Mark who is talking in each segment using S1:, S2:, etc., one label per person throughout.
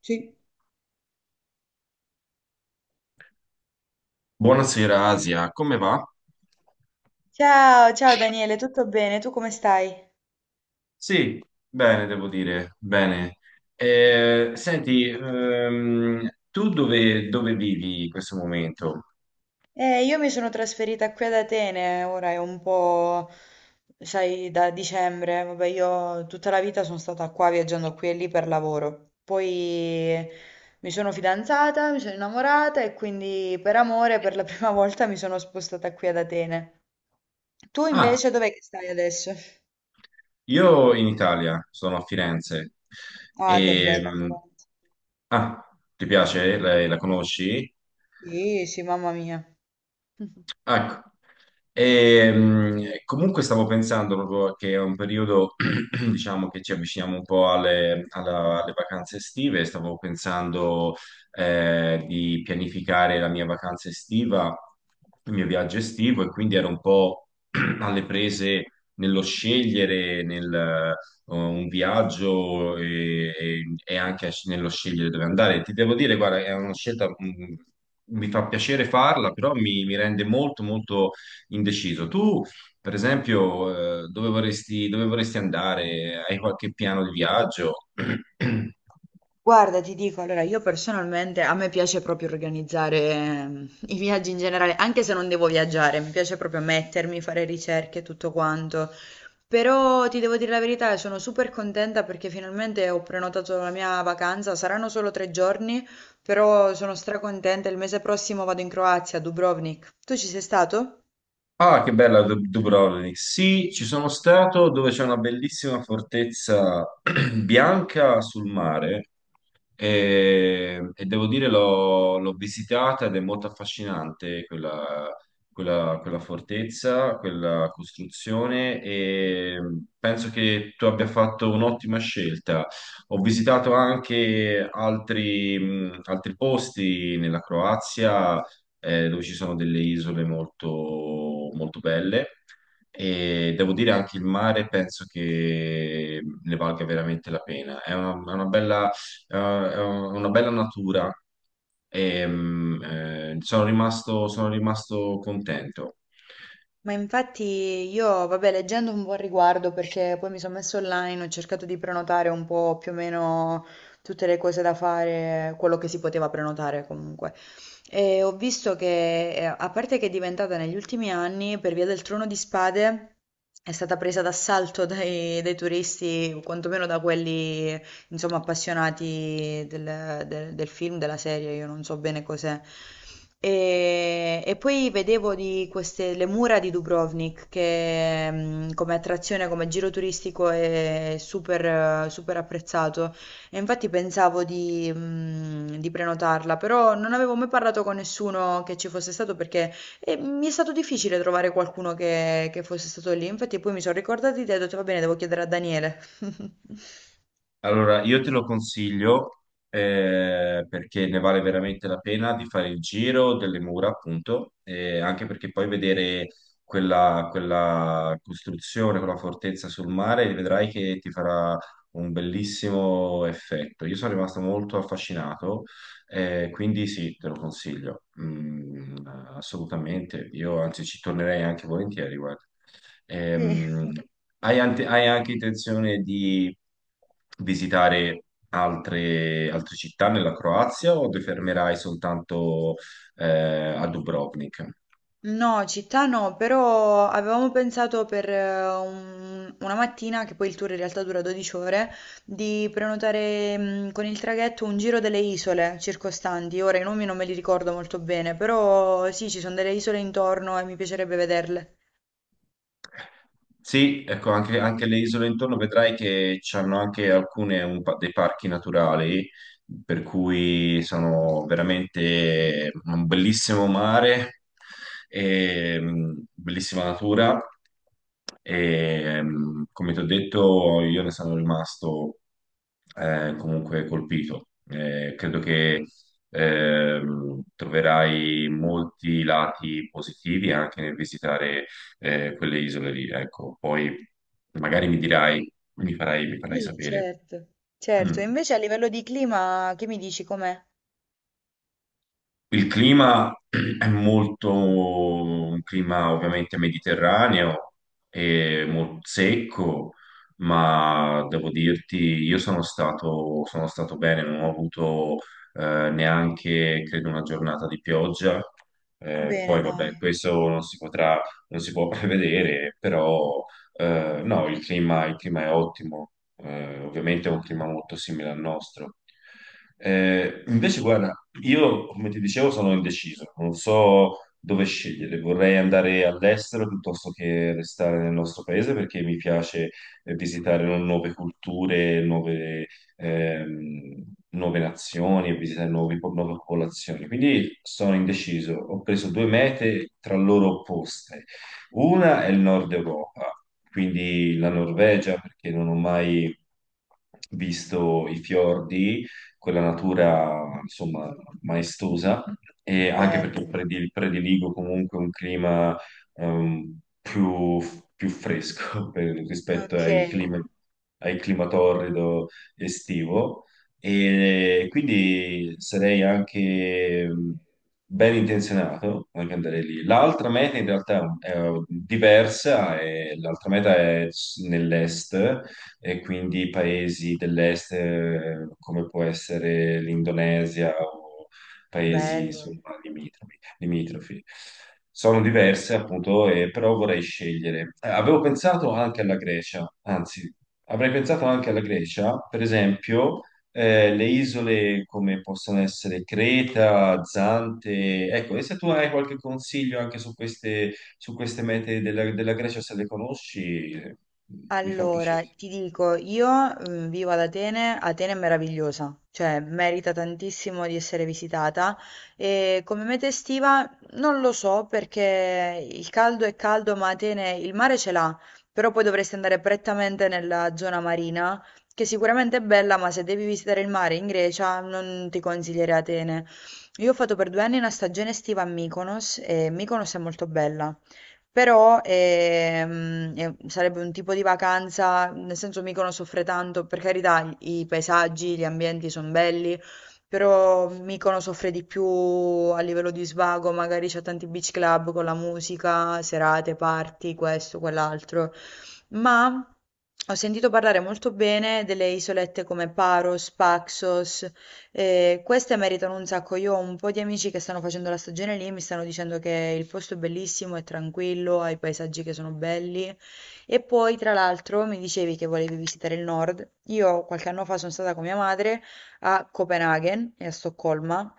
S1: Sì.
S2: Buonasera Asia, come va?
S1: Ciao, ciao Daniele, tutto bene? Tu come stai?
S2: Sì, bene, devo dire, bene. Senti, tu dove vivi in questo momento?
S1: Io mi sono trasferita qui ad Atene, ora è un po', sai, da dicembre. Vabbè, io tutta la vita sono stata qua viaggiando qui e lì per lavoro. Poi mi sono fidanzata, mi sono innamorata e quindi per amore per la prima volta mi sono spostata qui ad Atene. Tu
S2: Ah,
S1: invece dov'è che stai adesso?
S2: io in Italia, sono a Firenze.
S1: Ah, che bella
S2: Ehm,
S1: Firenze.
S2: ah, Ti piace? Lei la conosci?
S1: Sì, sì, mamma mia.
S2: Ecco. Comunque stavo pensando proprio che è un periodo, diciamo, che ci avviciniamo un po' alle vacanze estive. Stavo pensando di pianificare la mia vacanza estiva, il mio viaggio estivo, e quindi ero un po' alle prese nello scegliere, un viaggio e anche nello scegliere dove andare. Ti devo dire, guarda, è una scelta, mi fa piacere farla, però mi rende molto, molto indeciso. Tu, per esempio, dove vorresti andare? Hai qualche piano di viaggio?
S1: Guarda, ti dico, allora io personalmente a me piace proprio organizzare i viaggi in generale, anche se non devo viaggiare, mi piace proprio mettermi, fare ricerche e tutto quanto. Però ti devo dire la verità, sono super contenta perché finalmente ho prenotato la mia vacanza, saranno solo 3 giorni, però sono stracontenta, il mese prossimo vado in Croazia, a Dubrovnik. Tu ci sei stato?
S2: Ah, che bella Dubrovnik. Sì, ci sono stato dove c'è una bellissima fortezza bianca sul mare. E devo dire, l'ho visitata ed è molto affascinante quella fortezza, quella costruzione e penso che tu abbia fatto un'ottima scelta. Ho visitato anche altri, altri posti nella Croazia, dove ci sono delle isole molto, molto belle. E devo dire anche il mare penso che ne valga veramente la pena. È una bella è una bella natura e sono rimasto contento.
S1: Ma infatti io, vabbè, leggendo un po' al riguardo, perché poi mi sono messa online, ho cercato di prenotare un po' più o meno tutte le cose da fare, quello che si poteva prenotare comunque. E ho visto che, a parte che è diventata negli ultimi anni, per via del Trono di Spade, è stata presa d'assalto dai turisti, quantomeno da quelli insomma, appassionati del film, della serie, io non so bene cos'è. E poi vedevo di queste, le mura di Dubrovnik, che come attrazione, come giro turistico è super, super apprezzato. E infatti pensavo di prenotarla, però non avevo mai parlato con nessuno che ci fosse stato perché mi è stato difficile trovare qualcuno che fosse stato lì. Infatti poi mi sono ricordata di te e ho detto, va bene, devo chiedere a Daniele.
S2: Allora, io te lo consiglio perché ne vale veramente la pena di fare il giro delle mura, appunto, e anche perché poi vedere quella costruzione, quella fortezza sul mare, vedrai che ti farà un bellissimo effetto. Io sono rimasto molto affascinato, quindi sì, te lo consiglio. Assolutamente. Io anzi ci tornerei anche volentieri, guarda.
S1: Sì.
S2: Ehm, hai hai anche intenzione di visitare altre città nella Croazia o ti fermerai soltanto eh, a Dubrovnik?
S1: No, città no, però avevamo pensato per un- una mattina, che poi il tour in realtà dura 12 ore, di prenotare con il traghetto un giro delle isole circostanti. Ora i nomi non me li ricordo molto bene, però sì, ci sono delle isole intorno e mi piacerebbe vederle.
S2: Sì, ecco, anche le isole intorno vedrai che hanno anche alcune dei parchi naturali, per cui sono veramente un bellissimo mare, e, bellissima natura. E, come ti ho detto, io ne sono rimasto comunque colpito. Credo che troverai molti lati positivi anche nel visitare quelle isole lì. Ecco, poi magari mi dirai, mi farai
S1: Sì,
S2: sapere.
S1: certo. Certo, e invece a livello di clima, che mi dici com'è?
S2: Il clima è molto un clima ovviamente mediterraneo e molto secco, ma devo dirti, sono stato bene, non ho avuto neanche, credo, una giornata di pioggia.
S1: Bene,
S2: Poi vabbè,
S1: dai.
S2: questo non si potrà, non si può prevedere, però no, il clima è ottimo, ovviamente è un clima molto simile al nostro. Invece, guarda, io come ti dicevo sono indeciso, non so dove scegliere, vorrei andare all'estero piuttosto che restare nel nostro paese perché mi piace visitare nuove culture, ehm, nuove nazioni e visitare nuove popolazioni. Quindi sono indeciso, ho preso due mete tra loro opposte, una è il nord Europa, quindi la Norvegia, perché non ho mai visto i fiordi, quella natura, insomma, maestosa, e anche perché
S1: Bello.
S2: prediligo comunque un clima ehm, più, più fresco rispetto
S1: Ok,
S2: ai clima torrido estivo. E quindi sarei anche ben intenzionato anche andare lì. L'altra meta in realtà è diversa, e l'altra meta è nell'est, e quindi paesi dell'est, come può essere l'Indonesia o paesi
S1: bello.
S2: insomma, limitrofi. Sono diverse appunto, però vorrei scegliere. Avevo pensato anche alla Grecia, anzi, avrei pensato anche alla Grecia, per esempio, le isole come possono essere Creta, Zante, ecco, e se tu hai qualche consiglio anche su queste mete della Grecia, se le conosci, mi fa piacere.
S1: Allora, ti dico, io mm, vivo ad Atene, Atene è meravigliosa, cioè merita tantissimo di essere visitata e come meta estiva non lo so perché il caldo è caldo, ma Atene il mare ce l'ha, però poi dovresti andare prettamente nella zona marina, che sicuramente è bella, ma se devi visitare il mare in Grecia non ti consiglierei Atene. Io ho fatto per 2 anni una stagione estiva a Mykonos e Mykonos è molto bella. Però sarebbe un tipo di vacanza, nel senso mica non soffre tanto, per carità, i paesaggi, gli ambienti sono belli, però Mykonos soffre di più a livello di svago, magari c'è tanti beach club con la musica, serate, party, questo, quell'altro. Ma ho sentito parlare molto bene delle isolette come Paros, Paxos, e queste meritano un sacco. Io ho un po' di amici che stanno facendo la stagione lì e mi stanno dicendo che il posto è bellissimo, è tranquillo, ha i paesaggi che sono belli. E poi, tra l'altro, mi dicevi che volevi visitare il nord. Io qualche anno fa sono stata con mia madre a Copenaghen e a Stoccolma.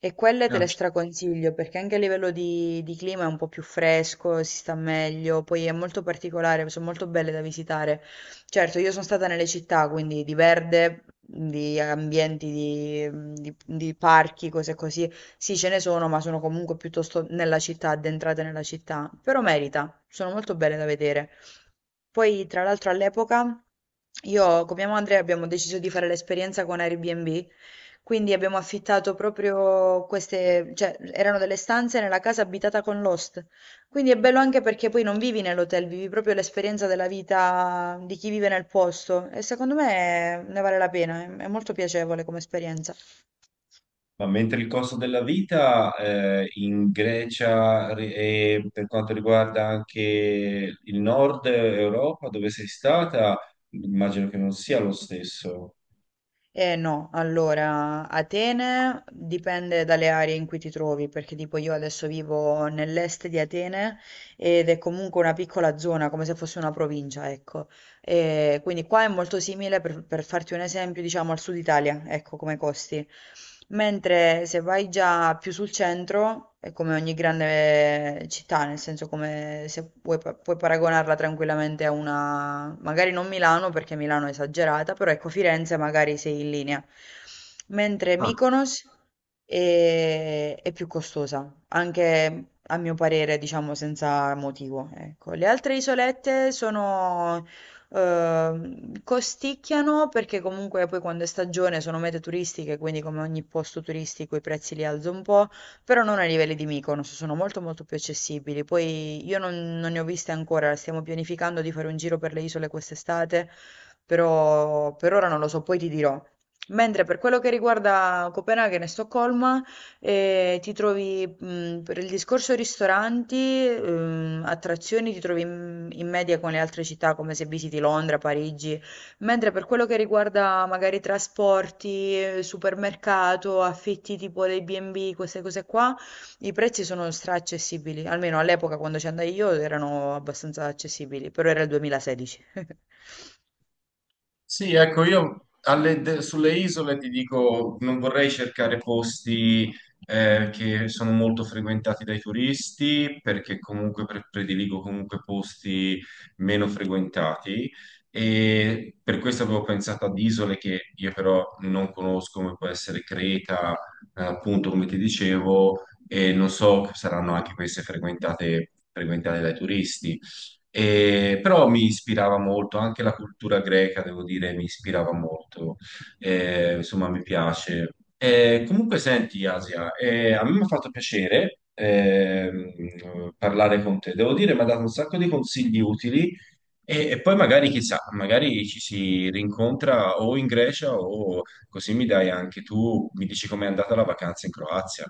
S1: E quelle te
S2: Ah.
S1: le straconsiglio perché anche a livello di clima è un po' più fresco, si sta meglio, poi è molto particolare, sono molto belle da visitare. Certo, io sono stata nelle città, quindi di verde, di ambienti, di parchi, cose così. Sì, ce ne sono, ma sono comunque piuttosto nella città, addentrate nella città. Però merita, sono molto belle da vedere. Poi, tra l'altro, all'epoca io con mia madre abbiamo deciso di fare l'esperienza con Airbnb, quindi abbiamo affittato proprio queste, cioè erano delle stanze nella casa abitata con l'host. Quindi è bello anche perché poi non vivi nell'hotel, vivi proprio l'esperienza della vita di chi vive nel posto e secondo me ne vale la pena, è molto piacevole come esperienza.
S2: Ma mentre il costo della vita in Grecia e per quanto riguarda anche il nord Europa, dove sei stata, immagino che non sia lo stesso.
S1: Eh no, allora, Atene dipende dalle aree in cui ti trovi, perché tipo io adesso vivo nell'est di Atene ed è comunque una piccola zona, come se fosse una provincia, ecco. E quindi qua è molto simile, per farti un esempio, diciamo al sud Italia, ecco come costi. Mentre se vai già più sul centro, è come ogni grande città, nel senso come se puoi, puoi paragonarla tranquillamente a una, magari non Milano perché Milano è esagerata, però ecco Firenze magari sei in linea. Mentre Mykonos è più costosa, anche a mio parere, diciamo senza motivo, ecco. Le altre isolette sono costicchiano perché comunque poi quando è stagione sono mete turistiche, quindi come ogni posto turistico i prezzi li alzo un po', però non ai livelli di Mykonos, sono molto molto più accessibili. Poi io non ne ho viste ancora, stiamo pianificando di fare un giro per le isole quest'estate, però per ora non lo so, poi ti dirò. Mentre per quello che riguarda Copenaghen e Stoccolma, e ti trovi, per il discorso ristoranti, attrazioni, ti trovi in media con le altre città, come se visiti Londra, Parigi, mentre per quello che riguarda magari trasporti, supermercato, affitti tipo dei B&B, queste cose qua, i prezzi sono straaccessibili, almeno all'epoca quando ci andai io erano abbastanza accessibili, però era il 2016.
S2: Sì, ecco, io sulle isole ti dico, non vorrei cercare posti che sono molto frequentati dai turisti, perché comunque prediligo comunque posti meno frequentati, e per questo avevo pensato ad isole che io però non conosco, come può essere Creta, appunto come ti dicevo, e non so, saranno anche queste frequentate dai turisti. Però mi ispirava molto, anche la cultura greca, devo dire, mi ispirava molto. Insomma mi piace. Comunque senti, Asia, a me mi ha fatto piacere, parlare con te, devo dire, mi ha dato un sacco di consigli utili, e poi magari, chissà, magari ci si rincontra o in Grecia o così mi dai anche tu, mi dici com'è andata la vacanza in Croazia.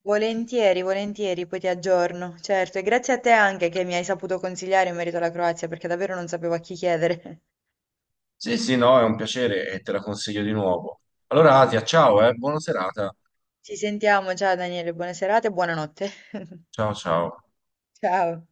S1: Volentieri, volentieri, poi ti aggiorno. Certo, e grazie a te anche che mi hai saputo consigliare in merito alla Croazia, perché davvero non sapevo a chi chiedere.
S2: Sì, sì, no, è un piacere e te la consiglio di nuovo. Allora, Asia, ciao, buona serata.
S1: Ci sentiamo, ciao Daniele, buona serata e buonanotte.
S2: Ciao ciao.
S1: Ciao.